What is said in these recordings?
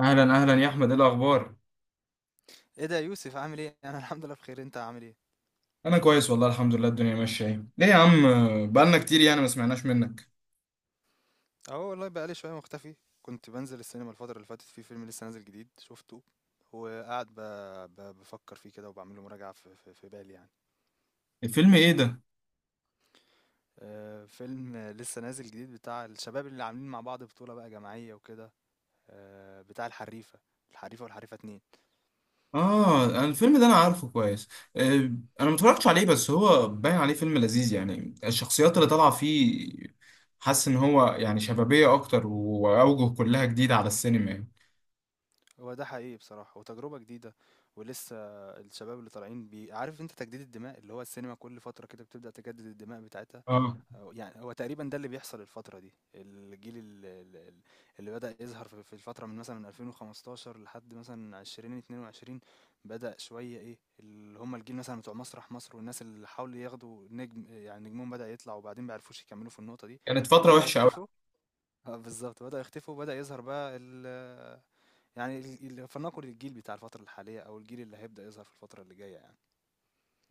اهلا اهلا يا احمد، ايه الاخبار؟ ايه ده يا يوسف، عامل ايه؟ انا الحمد لله بخير، انت عامل ايه؟ انا كويس والله، الحمد لله الدنيا ماشيه. ايه ليه يا عم؟ بقالنا كتير يعني ما سمعناش منك. اهو والله بقالي شويه مختفي. كنت بنزل السينما الفتره اللي فاتت، في فيلم لسه نازل جديد شفته وقاعد بفكر فيه كده وبعمل له مراجعه في بالي يعني. الفيلم ايه ده؟ فيلم لسه نازل جديد بتاع الشباب اللي عاملين مع بعض بطوله بقى جماعيه وكده، آه بتاع الحريفه، الحريفه والحريفه اتنين. اه، أنا الفيلم ده انا عارفه كويس. آه، انا ما اتفرجتش عليه، بس هو باين عليه فيلم لذيذ يعني، الشخصيات اللي طالعه فيه حاسس ان هو يعني شبابيه اكتر، واوجه كلها جديده على السينما يعني. هو ده حقيقي بصراحه وتجربه جديده ولسه. الشباب اللي طالعين، بي عارف انت تجديد الدماء، اللي هو السينما كل فتره كده بتبدا تجدد الدماء بتاعتها. اه، أو يعني هو تقريبا ده اللي بيحصل الفترة دي، الجيل اللي بدأ يظهر في الفترة من مثلا 2015 لحد مثلا 2022، بدأ شوية ايه اللي هم الجيل مثلا بتوع مسرح مصر، والناس اللي حاولوا ياخدوا نجم، يعني نجمهم بدأ يطلع وبعدين بيعرفوش يكملوا في النقطة دي. كانت فتره بدأوا وحشه قوي. يختفوا. اه بالظبط، بدأوا يختفوا وبدأ يظهر بقى ال، يعني فلنقل الجيل بتاع الفترة الحالية، او الجيل اللي هيبدأ يظهر في الفترة اللي جاية يعني.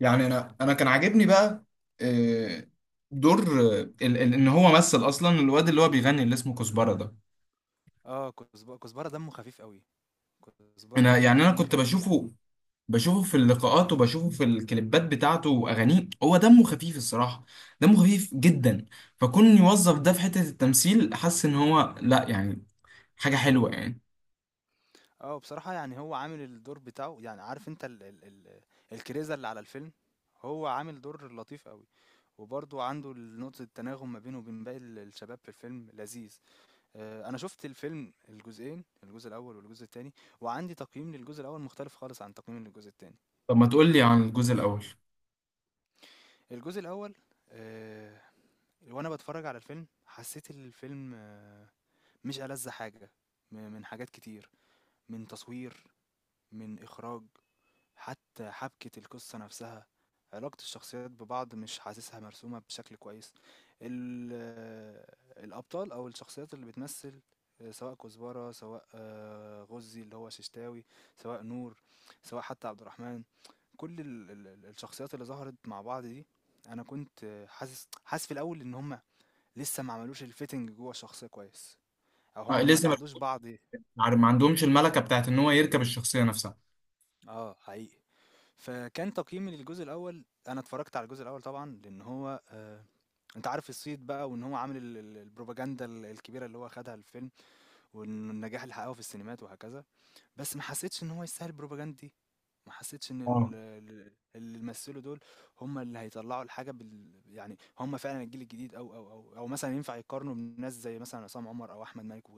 يعني انا كان عاجبني بقى آه، دور آه، ان هو مثل اصلا الواد اللي هو بيغني اللي اسمه كزبره ده. اه كزبرة دمه خفيف قوي، كزبرة انا دمه يعني خفيف كنت خفيف يعني. بشوفه في اللقاءات، وبشوفه في الكليبات بتاعته واغانيه. هو دمه خفيف الصراحه، دمه خفيف جدا. فكون يوظف ده في حته التمثيل، حاسس ان هو لا يعني حاجه حلوه يعني. اه بصراحة يعني هو عامل الدور بتاعه، يعني عارف انت ال ال ال الكريزة اللي على الفيلم، هو عامل دور لطيف قوي، وبرضه عنده نقطة التناغم ما بينه وبين باقي الشباب في الفيلم لذيذ. انا شفت الفيلم الجزئين، الجزء الاول والجزء التاني، وعندي تقييم للجزء الاول مختلف خالص عن تقييم للجزء التاني. طب ما تقول لي عن الجزء الاول. الجزء الاول، آه، وانا بتفرج على الفيلم حسيت الفيلم، مش ألذ حاجة من حاجات كتير، من تصوير، من اخراج، حتى حبكة القصة نفسها، علاقة الشخصيات ببعض مش حاسسها مرسومة بشكل كويس. ال آه، الأبطال أو الشخصيات اللي بتمثل، سواء كزبرة، سواء غُزي اللي هو ششتاوي، سواء نور، سواء حتى عبد الرحمن، كل ال ال ال الشخصيات اللي ظهرت مع بعض دي، أنا كنت حاسس في الأول إن هم لسه ما عملوش الfitting جوّه الشخصية كويس، أو آه هم ما لسه ما ساعدوش بعض. ما عندهمش الملكه بتاعت ان هو يركب الشخصيه نفسها. آه، حقيقي. فكان تقييمي للجزء الاول، انا اتفرجت على الجزء الاول طبعا لان هو انت عارف الصيت بقى، وان هو عامل البروباجندا الكبيره اللي هو خدها الفيلم، والنجاح اللي حققه في السينمات وهكذا. بس ما حسيتش ان هو يستاهل البروباجندا دي، ما حسيتش ان اه. اللي مثلوا دول هم اللي هيطلعوا الحاجه يعني هم فعلا الجيل الجديد، او مثلا ينفع يقارنوا بناس زي مثلا عصام عمر او احمد مالك.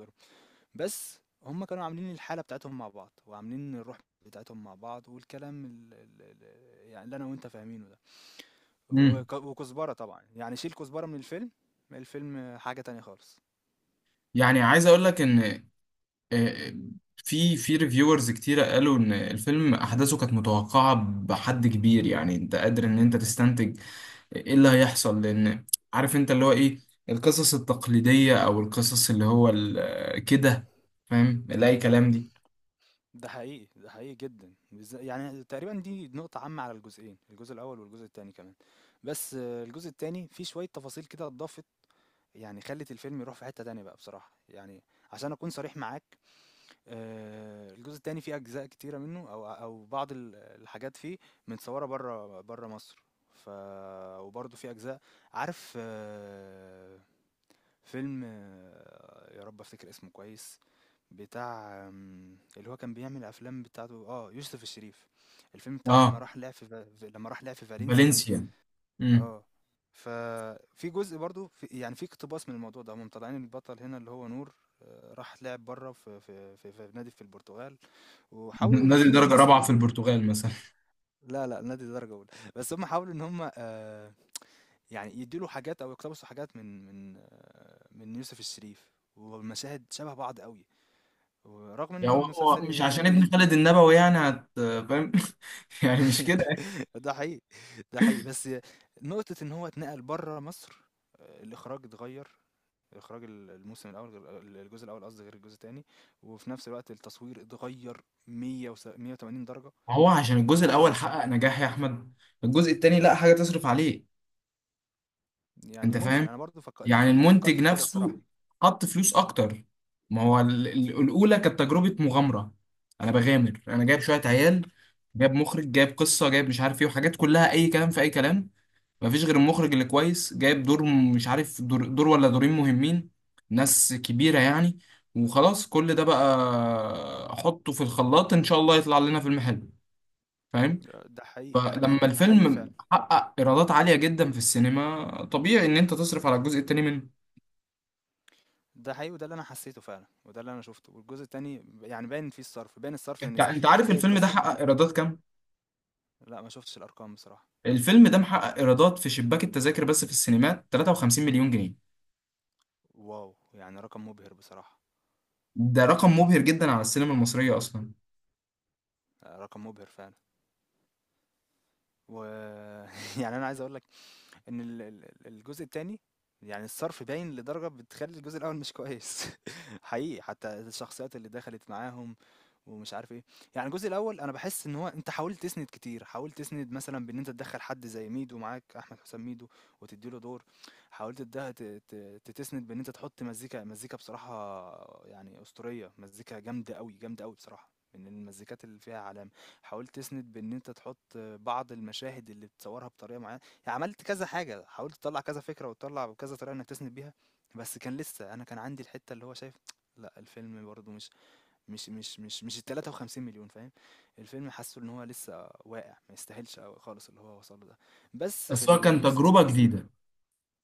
بس هم كانوا عاملين الحالة بتاعتهم مع بعض، وعاملين الروح بتاعتهم مع بعض، والكلام ال ال ال يعني اللي انا وانت فاهمينه ده. امم. وكزبرة طبعا، يعني شيل كزبرة من الفيلم، الفيلم حاجة تانية خالص. يعني عايز اقول لك ان آه، آه، في ريفيورز كتيرة قالوا ان الفيلم احداثه كانت متوقعة بحد كبير. يعني انت قادر ان انت تستنتج ايه اللي هيحصل، لان عارف انت اللي هو ايه، القصص التقليدية او القصص اللي هو ال- آه، كده، فاهم اللي اي كلام دي. ده حقيقي، ده حقيقي جدا يعني تقريبا دي نقطة عامة على الجزئين، الجزء الأول والجزء التاني كمان. بس الجزء التاني فيه شوية تفاصيل كده اتضافت، يعني خلت الفيلم يروح في حتة تانية بقى بصراحة يعني. عشان أكون صريح معاك، الجزء التاني فيه أجزاء كتيرة منه، أو بعض ال الحاجات فيه متصوّرة برّه مصر، ف وبرضه في أجزاء، عارف فيلم يا رب أفتكر اسمه كويس، بتاع اللي هو كان بيعمل الأفلام بتاعته، يوسف الشريف، الفيلم بتاعه اه. لمّا راح لعب في فالنسيا. فالنسيا. امم. آه، ففي جزء برضه ف يعني في اقتباس من الموضوع ده، هُم مطلّعين البطل هنا اللي هو نور، راح لعب برّه في نادي في البرتغال، وحاولوا نادي يمثلوا الدرجة الرابعة له. في البرتغال مثلا. لا لأ، نادي درجة أولى، بس هم حاولوا إن هم، يعني يدّوا له حاجات أو يقتبسوا حاجات من يوسف الشريف، والمشاهد شبه بعض أوي، ورغم إن يعني هو المسلسل مش عشان يعني. ابن خالد النبوي يعني هت، فاهم؟ يعني مش كده. ده حقيقي، ده حقيقي، بس نقطة إن هو اتنقل برّه مصر، الإخراج اتغيّر، إخراج ال الموسم الأول غير ال الجزء الأول، قصدي غير الجزء التاني، وفي نفس الوقت التصوير اتغيّر مِيّة وس 180 درجة. هو عشان مش الجزء عايز، الاول حقق نجاح يا احمد، الجزء التاني لا حاجة تصرف عليه. يعني انت ممكن فاهم؟ أنا برضه فكرت، يعني فكرت المنتج في كده نفسه بصراحة. حط فلوس اكتر. ما هو الاولى كانت تجربه مغامره. انا بغامر، انا جايب شويه عيال، جايب مخرج، جايب قصه، جايب مش عارف ايه، وحاجات كلها اي كلام في اي كلام. مفيش غير المخرج اللي كويس. جايب دور مش عارف، دور، دور ولا دورين مهمين، ناس كبيره يعني. وخلاص كل ده بقى احطه في الخلاط، ان شاء الله يطلع لنا فيلم حلو. فاهم؟ ده حقيقي. فلما ده حقيقي فعلا. الفيلم حقق ايرادات عاليه جدا في السينما، طبيعي ان انت تصرف على الجزء التاني منه. ده حقيقي، وده اللي انا حسيته فعلا، وده اللي انا شفته، والجزء التاني يعني باين فيه الصرف، باين الصرف انت ان انت عارف فرق الفيلم ده التص... حقق ايرادات كام؟ لا ما شفتش الارقام بصراحة. الفيلم ده محقق ايرادات في شباك التذاكر بس في السينمات 53 مليون جنيه. واو، يعني رقم مبهر بصراحة. ده رقم مبهر جدا على السينما المصرية اصلا. رقم مبهر فعلا. و يعني انا عايز اقول ان الجزء التاني يعني الصرف باين لدرجة بتخلي الجزء الاول مش كويس، حقيقي، حتى الشخصيات اللي دخلت معاهم ومش عارف ايه. يعني الجزء الاول انا بحس ان هو انت حاولت تسند كتير، حاولت تسند مثلا بان انت تدخل حد زي ميدو معاك، احمد حسام ميدو، وتديله دور. حاولت تده- ت- ت- تتسند بان انت تحط مزيكا، مزيكا بصراحة يعني اسطورية، مزيكا جامدة قوي، جامدة قوي بصراحة، من المزيكات اللي فيها علامة. حاولت تسند بان انت تحط بعض المشاهد اللي بتصورها بطريقة معينة، عملت كذا حاجة، حاولت تطلع كذا فكرة، وتطلع كذا طريقة انك تسند بيها. بس كان لسه انا كان عندي الحتة اللي هو شايف، لا الفيلم برضه مش ال 53 مليون، فاهم. الفيلم حاسه ان هو لسه واقع ما يستاهلش أوي خالص اللي هو وصله ده. بس في بس هو كان الموسم. تجربة جديدة.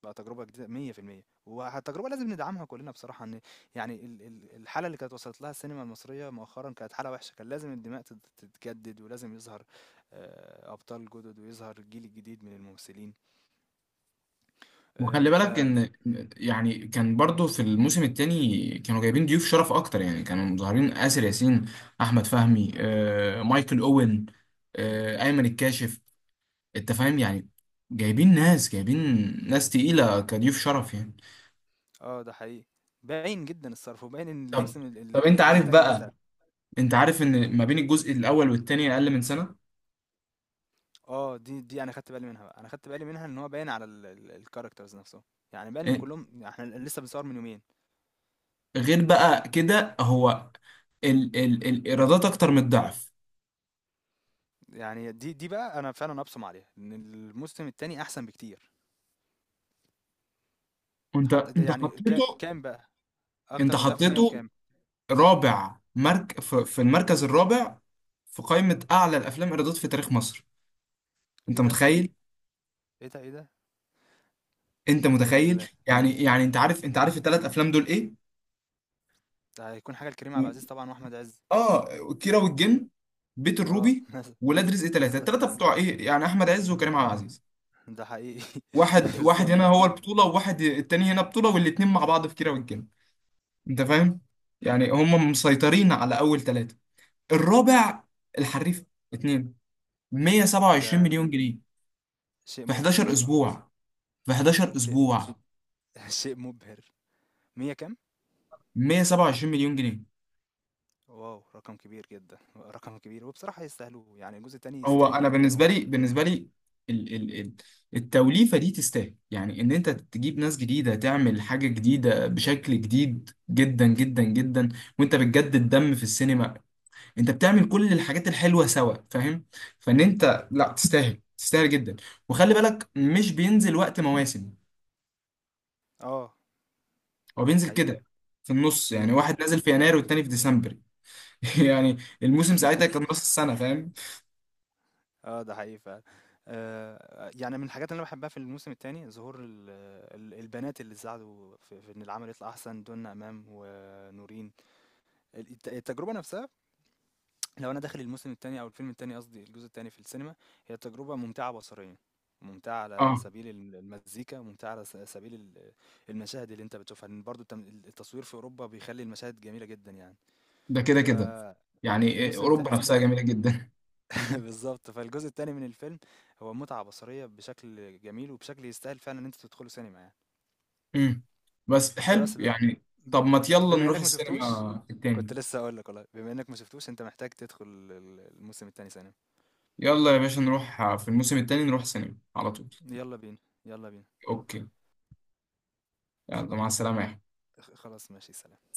بقى تجربة جديدة، 100% والتجربة لازم ندعمها كلنا بصراحة، ان يعني الحالة اللي كانت وصلت لها السينما المصرية مؤخرا كانت حالة وحشة، كان لازم الدماء تتجدد ولازم يظهر أبطال جدد، ويظهر الجيل الجديد من الممثلين. وخلي آه، ف، بالك ان يعني كان برضو في الموسم التاني كانوا جايبين ضيوف شرف اكتر. يعني كانوا مظهرين آسر ياسين، احمد فهمي آه، مايكل اوين، آه، ايمن الكاشف. انت فاهم يعني؟ جايبين ناس، جايبين ناس تقيلة كضيوف شرف يعني. آه، ده حقيقي. باين جدًا الصرف، وباين إن طب الموسم ال طب ال انت الجزء عارف التاني أتقل. بقى، انت عارف ان ما بين الجزء الاول والتاني اقل من سنة؟ دي أنا خدت بالي منها بقى، أنا خدت بالي منها إن هو باين على ال ال الcharacters نفسهم، يعني باين إن إيه، كلّهم إحنا لسه بنصور من يومين. غير بقى كده هو ال ال الايرادات اكتر من الضعف. يعني دي بقى أنا فعلًا أبصم عليها، إن الموسم التاني أحسن بكتير، وانت حتى ده انت يعني حطيته، كام بقى؟ انت أكتر من ده في 100 حطيته وكام؟ رابع في في المركز الرابع في قائمة اعلى الافلام ايرادات في تاريخ مصر. إيه انت ده، متخيل؟ إيه ده، إيه ده؟ انت متخيل؟ ال، يعني انت عارف الثلاث افلام دول ايه؟ ده هيكون حاجة لكريم عبد العزيز و- طبعًا وأحمد عز. اه، كيرة والجن، بيت آه، الروبي، مثلًا، ولاد رزق ثلاثة، بالضبط، الثلاثة بتوع ايه يعني، احمد عز وكريم عبد العزيز. ده حقيقي، واحد واحد بالضبط هنا أيوه، هو البطولة، وواحد التاني هنا بطولة، والاتنين مع بعض في كيرة والجن. انت فاهم؟ يعني هم ده مسيطرين على اول ثلاثة. الرابع، الحريف اتنين، 127 ده مليون جنيه شيء في مبهر 11 بصراحة، اسبوع، في 11 شيء اسبوع شيء مبهر، 100 كام؟ 127 مليون جنيه. واو، رقم كبير جدا، رقم كبير، وبصراحة يستاهلوه، يعني الجزء التاني هو انا يستاهل ان هو بالنسبة يكون. لي، بالنسبة لي ال ال ال التوليفة دي تستاهل يعني ان انت تجيب ناس جديدة، تعمل حاجة جديدة بشكل جديد جدا جدا جدا. وانت بتجدد دم في السينما، انت بتعمل كل الحاجات الحلوه سوا، فاهم؟ فان انت لا تستاهل، تستاهل جدا. وخلي بالك مش بينزل وقت مواسم، اه، هو ده بينزل حقيقي. كده في النص. م- يعني م. واحد نازل في يناير والتاني في ديسمبر. يعني الموسم ساعتها كان نص السنه، فاهم؟ اه ده حقيقي فعلا. آه يعني من الحاجات اللي انا بحبها في الموسم الثاني، ظهور البنات اللي ساعدوا في ان العمل يطلع احسن، دون امام ونورين. التجربه نفسها، لو انا داخل الموسم التاني او الفيلم التاني، قصدي الجزء التاني في السينما، هي تجربة ممتعة بصريا، ممتعة على اه، سبيل المزيكا، ممتعة على سبيل المشاهد اللي انت بتشوفها، لان برضو التصوير في اوروبا بيخلي المشاهد جميلة جدا يعني. ده كده كده. يعني فالموسم اوروبا التا... نفسها جميله جدا. بالظبط، فالجزء التاني من الفيلم هو متعة بصرية بشكل جميل، وبشكل يستاهل فعلا ان انت تدخله سينما يعني. امم. بس حلو فبس ب... يعني. طب ما يلا بما نروح انك ما شفتوش، السينما كنت التاني. لسه اقول لك والله، بما انك ما شفتوش انت محتاج تدخل الموسم التاني سينما. يلا يا باشا، نروح في الموسم التاني، نروح السينما على طول. يلا بينا، يلا بينا. اوكي، يلا مع السلامه يا خلاص ماشي، سلام.